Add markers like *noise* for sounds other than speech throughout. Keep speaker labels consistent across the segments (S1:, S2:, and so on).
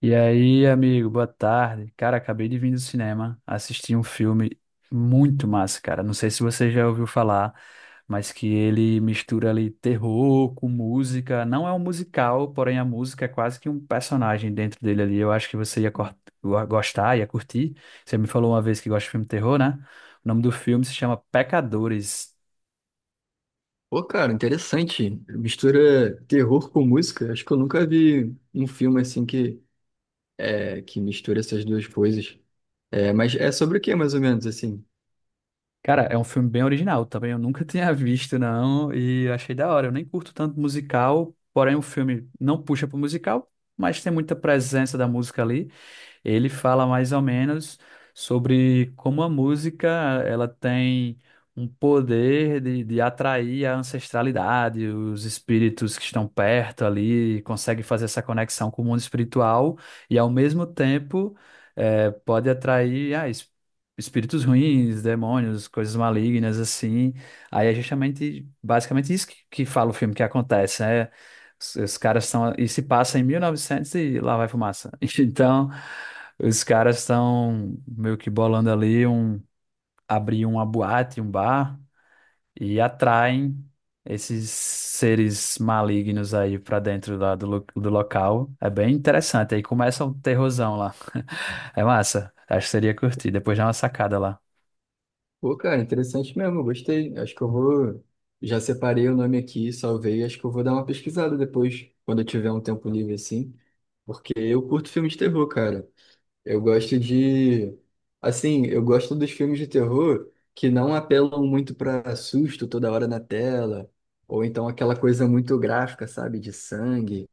S1: E aí, amigo, boa tarde. Cara, acabei de vir do cinema, assisti um filme muito massa, cara. Não sei se você já ouviu falar, mas que ele mistura ali terror com música. Não é um musical, porém a música é quase que um personagem dentro dele ali. Eu acho que você ia gostar, ia curtir. Você me falou uma vez que gosta de filme terror, né? O nome do filme se chama Pecadores.
S2: Pô, cara, interessante. Mistura terror com música. Acho que eu nunca vi um filme assim que, que mistura essas duas coisas. É, mas é sobre o que, mais ou menos, assim?
S1: Cara, é um filme bem original também. Eu nunca *laughs* tinha visto, não. E achei da hora. Eu nem curto tanto musical, porém o filme não puxa pro musical, mas tem muita presença da música ali. Ele fala mais ou menos sobre como a música ela tem um poder de atrair a ancestralidade, os espíritos que estão perto ali, consegue fazer essa conexão com o mundo espiritual e, ao mesmo tempo, pode atrair espíritos ruins, demônios, coisas malignas assim. Aí é justamente, basicamente isso que fala o filme que acontece, né? Os caras estão. E se passa em 1900 e lá vai fumaça. *laughs* Então, os caras estão meio que bolando ali um, abrir uma boate, um bar, e atraem esses seres malignos aí pra dentro lá do, do local. É bem interessante. Aí começa um terrorzão lá. *laughs* É massa. Acho que seria curtir. Depois dá uma sacada lá.
S2: Pô, cara, interessante mesmo, eu gostei. Acho que eu vou. Já separei o nome aqui, salvei. Acho que eu vou dar uma pesquisada depois, quando eu tiver um tempo livre, assim. Porque eu curto filme de terror, cara. Eu gosto de. Assim, eu gosto dos filmes de terror que não apelam muito para susto toda hora na tela, ou então aquela coisa muito gráfica, sabe, de sangue.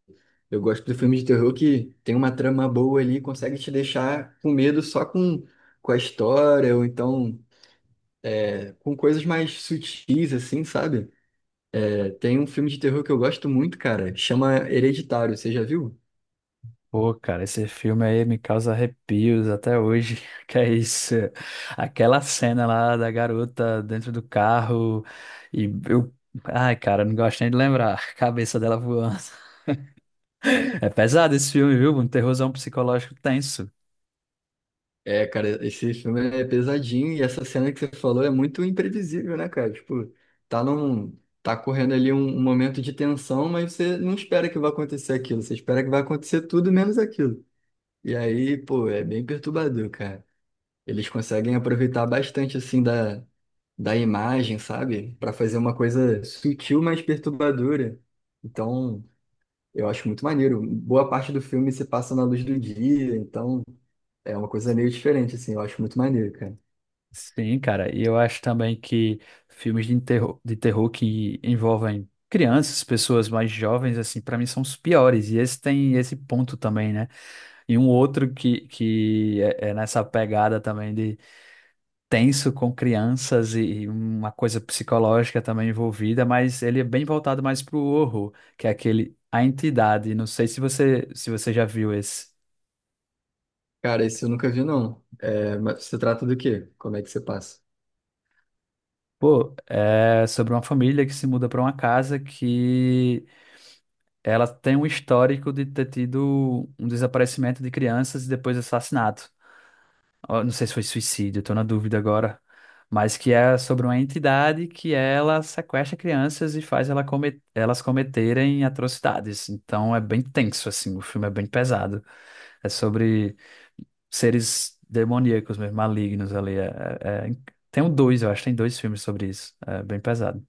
S2: Eu gosto do filme de terror que tem uma trama boa ali, consegue te deixar com medo só com a história, ou então com coisas mais sutis, assim, sabe? É, tem um filme de terror que eu gosto muito, cara, chama Hereditário, você já viu?
S1: Pô, cara, esse filme aí me causa arrepios até hoje. *laughs* Que é isso? Aquela cena lá da garota dentro do carro e eu. Ai, cara, não gosto nem de lembrar. *laughs* Cabeça dela voando. *laughs* É pesado esse filme, viu? Um terrorzão psicológico tenso.
S2: É, cara, esse filme é pesadinho e essa cena que você falou é muito imprevisível, né, cara? Tipo, tá correndo ali um momento de tensão, mas você não espera que vai acontecer aquilo, você espera que vai acontecer tudo menos aquilo. E aí, pô, é bem perturbador, cara. Eles conseguem aproveitar bastante assim da imagem, sabe? Pra fazer uma coisa sutil, mas perturbadora. Então, eu acho muito maneiro. Boa parte do filme se passa na luz do dia, então é uma coisa meio diferente, assim. Eu acho muito maneiro, cara.
S1: Sim, cara, e eu acho também que filmes de terror, que envolvem crianças, pessoas mais jovens, assim, pra mim são os piores. E esse tem esse ponto também, né? E um outro que é, é nessa pegada também, tenso com crianças e uma coisa psicológica também envolvida, mas ele é bem voltado mais pro horror, que é aquele A Entidade. Não sei se você já viu esse.
S2: Cara, esse eu nunca vi, não. É, mas se trata do quê? Como é que você passa?
S1: Pô, é sobre uma família que se muda para uma casa que ela tem um histórico de ter tido um desaparecimento de crianças e depois assassinato. Ó, não sei se foi suicídio, tô na dúvida agora, mas que é sobre uma entidade que ela sequestra crianças e faz elas cometerem atrocidades. Então é bem tenso, assim, o filme é bem pesado. É sobre seres demoníacos mesmo, malignos ali. É- é Tem um dois, eu acho, tem dois filmes sobre isso. É bem pesado.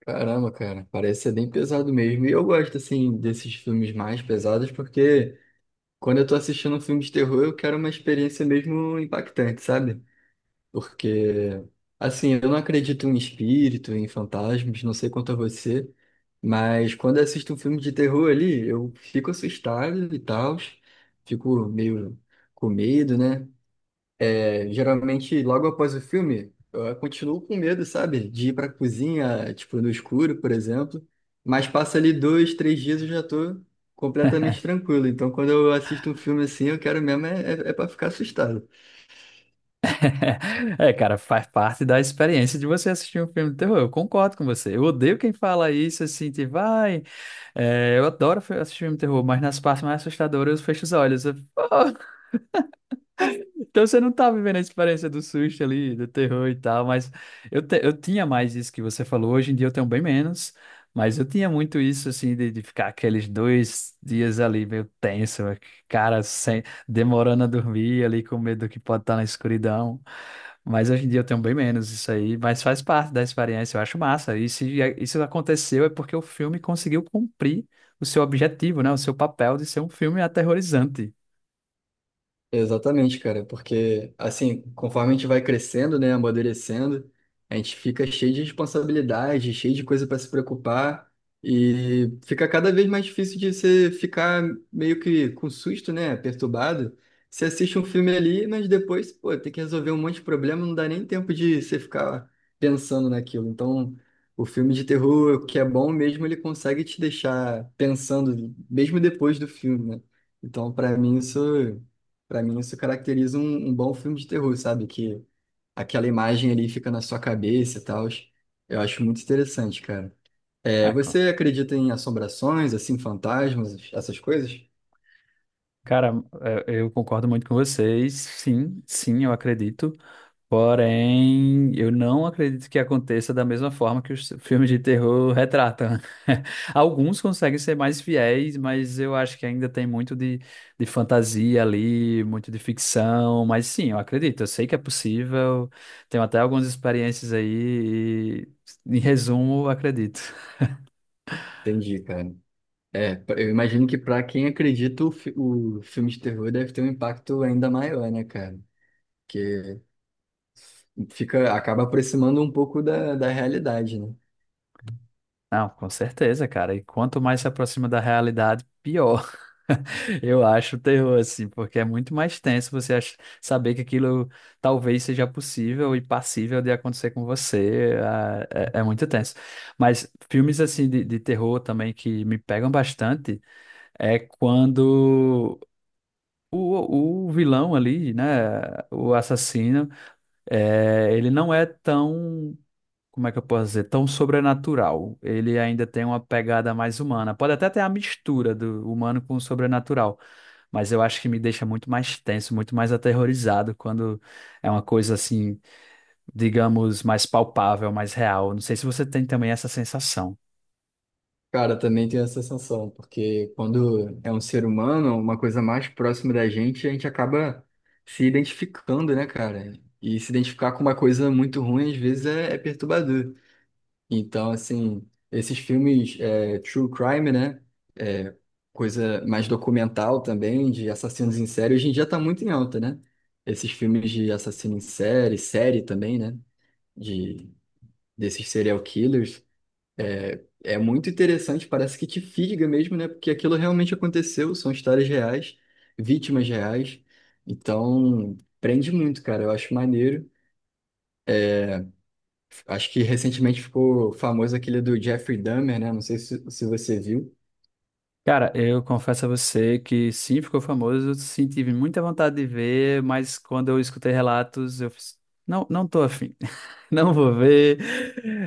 S2: Caramba, cara, parece ser bem pesado mesmo. E eu gosto, assim, desses filmes mais pesados, porque quando eu tô assistindo um filme de terror, eu quero uma experiência mesmo impactante, sabe? Porque, assim, eu não acredito em espírito, em fantasmas, não sei quanto a você, mas quando eu assisto um filme de terror ali, eu fico assustado e tal, fico meio com medo, né? É, geralmente, logo após o filme, eu continuo com medo, sabe? De ir pra cozinha, tipo, no escuro, por exemplo, mas passa ali dois, três dias eu já tô completamente tranquilo. Então, quando eu assisto um filme assim, eu quero mesmo é pra ficar assustado.
S1: *laughs* É, cara, faz parte da experiência de você assistir um filme de terror. Eu concordo com você. Eu odeio quem fala isso assim, tipo, vai. É, eu adoro assistir filme de terror, mas nas partes mais assustadoras eu fecho os olhos. Eu, *laughs* "Pô!" Então você não tá vivendo a experiência do susto ali, do terror e tal, mas eu tinha mais isso que você falou, hoje em dia eu tenho bem menos, mas eu tinha muito isso assim de ficar aqueles dois dias ali meio tenso, cara, sem, demorando a dormir ali com medo do que pode estar na escuridão. Mas hoje em dia eu tenho bem menos isso aí, mas faz parte da experiência, eu acho massa. E se isso aconteceu é porque o filme conseguiu cumprir o seu objetivo, né? O seu papel de ser um filme aterrorizante.
S2: Exatamente, cara, porque assim, conforme a gente vai crescendo, né, amadurecendo, a gente fica cheio de responsabilidade, cheio de coisa para se preocupar e fica cada vez mais difícil de você ficar meio que com susto, né, perturbado. Você assiste um filme ali, mas depois, pô, tem que resolver um monte de problema, não dá nem tempo de você ficar pensando naquilo. Então, o filme de terror, que é bom mesmo, ele consegue te deixar pensando mesmo depois do filme, né? Então, para mim, isso. Para mim, isso caracteriza um bom filme de terror, sabe? Que aquela imagem ali fica na sua cabeça e tal. Eu acho muito interessante, cara. É,
S1: Ah,
S2: você acredita em assombrações, assim, fantasmas, essas coisas?
S1: cara, é, eu concordo muito com vocês. Sim, sim, eu acredito. Porém, eu não acredito que aconteça da mesma forma que os filmes de terror retratam. *laughs* Alguns conseguem ser mais fiéis, mas eu acho que ainda tem muito de fantasia ali, muito de ficção. Mas sim, eu acredito. Eu sei que é possível. Tenho até algumas experiências aí. E, em resumo, eu acredito.
S2: Entendi, cara. Eu imagino que para quem acredita, o filme de terror deve ter um impacto ainda maior, né, cara? Porque fica, acaba aproximando um pouco da realidade, né?
S1: Não, com certeza, cara. E quanto mais se aproxima da realidade, pior. *laughs* Eu acho o terror, assim, porque é muito mais tenso você saber que aquilo talvez seja possível e passível de acontecer com você. É, é muito tenso. Mas filmes, assim, de terror também que me pegam bastante é quando o vilão ali, né, o assassino, ele não é tão, como é que eu posso dizer, tão sobrenatural. Ele ainda tem uma pegada mais humana. Pode até ter a mistura do humano com o sobrenatural, mas eu acho que me deixa muito mais tenso, muito mais aterrorizado quando é uma coisa assim, digamos, mais palpável, mais real. Não sei se você tem também essa sensação.
S2: Cara, eu também tenho essa sensação, porque quando é um ser humano, uma coisa mais próxima da gente, a gente acaba se identificando, né, cara? E se identificar com uma coisa muito ruim, às vezes, é perturbador. Então, assim, esses filmes é, true crime, né? É, coisa mais documental também, de assassinos em série, hoje em dia tá muito em alta, né? Esses filmes de assassino em série, série também, né? De, desses serial killers. É, é muito interessante, parece que te fisga mesmo, né? Porque aquilo realmente aconteceu, são histórias reais, vítimas reais. Então, prende muito, cara. Eu acho maneiro. Acho que recentemente ficou famoso aquele do Jeffrey Dahmer, né? Não sei se, se você viu.
S1: Cara, eu confesso a você que sim, ficou famoso, eu senti muita vontade de ver, mas quando eu escutei relatos, eu fiz, não, não tô afim. *laughs* Não vou ver.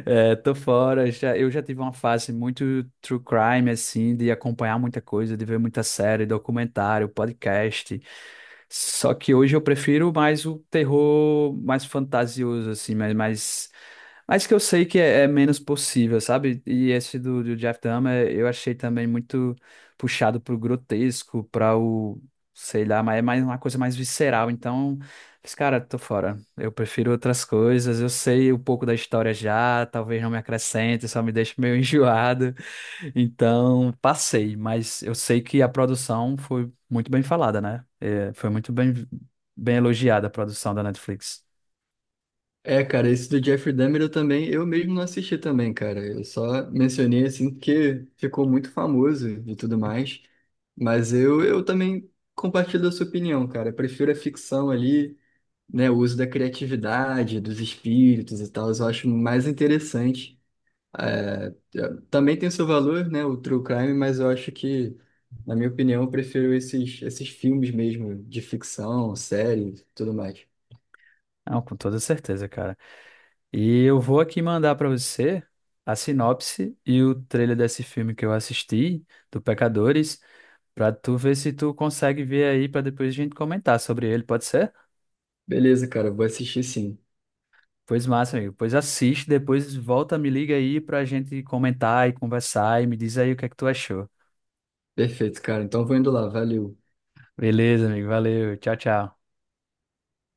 S1: É, tô fora. Já, eu já tive uma fase muito true crime, assim, de acompanhar muita coisa, de ver muita série, documentário, podcast. Só que hoje eu prefiro mais o terror mais fantasioso, assim, mas mais, mais que eu sei que é, é menos possível, sabe? E esse do, do Jeff Dahmer eu achei também muito puxado pro grotesco, para o, sei lá, mas é mais uma coisa mais visceral. Então. Mas, cara, tô fora. Eu prefiro outras coisas. Eu sei um pouco da história já, talvez não me acrescente, só me deixe meio *laughs* enjoado. Então, passei, mas eu sei que a produção foi muito bem falada, né? É, foi muito bem, bem elogiada a produção da Netflix.
S2: É, cara, esse do Jeffrey Dahmer eu também, eu mesmo não assisti também, cara. Eu só mencionei assim porque ficou muito famoso e tudo mais. Mas eu também compartilho da sua opinião, cara. Eu prefiro a ficção ali, né, o uso da criatividade, dos espíritos e tal, eu acho mais interessante. É, também tem seu valor, né, o true crime, mas eu acho que, na minha opinião, eu prefiro esses, esses filmes mesmo, de ficção, série, tudo mais.
S1: Não, com toda certeza, cara. E eu vou aqui mandar pra você a sinopse e o trailer desse filme que eu assisti, do Pecadores, pra tu ver se tu consegue ver aí, pra depois a gente comentar sobre ele, pode ser?
S2: Beleza, cara, vou assistir sim.
S1: Pois massa, amigo. Pois assiste, depois volta, me liga aí pra gente comentar e conversar e me diz aí o que é que tu achou.
S2: Perfeito, cara. Então vou indo lá, valeu.
S1: Beleza, amigo. Valeu. Tchau, tchau.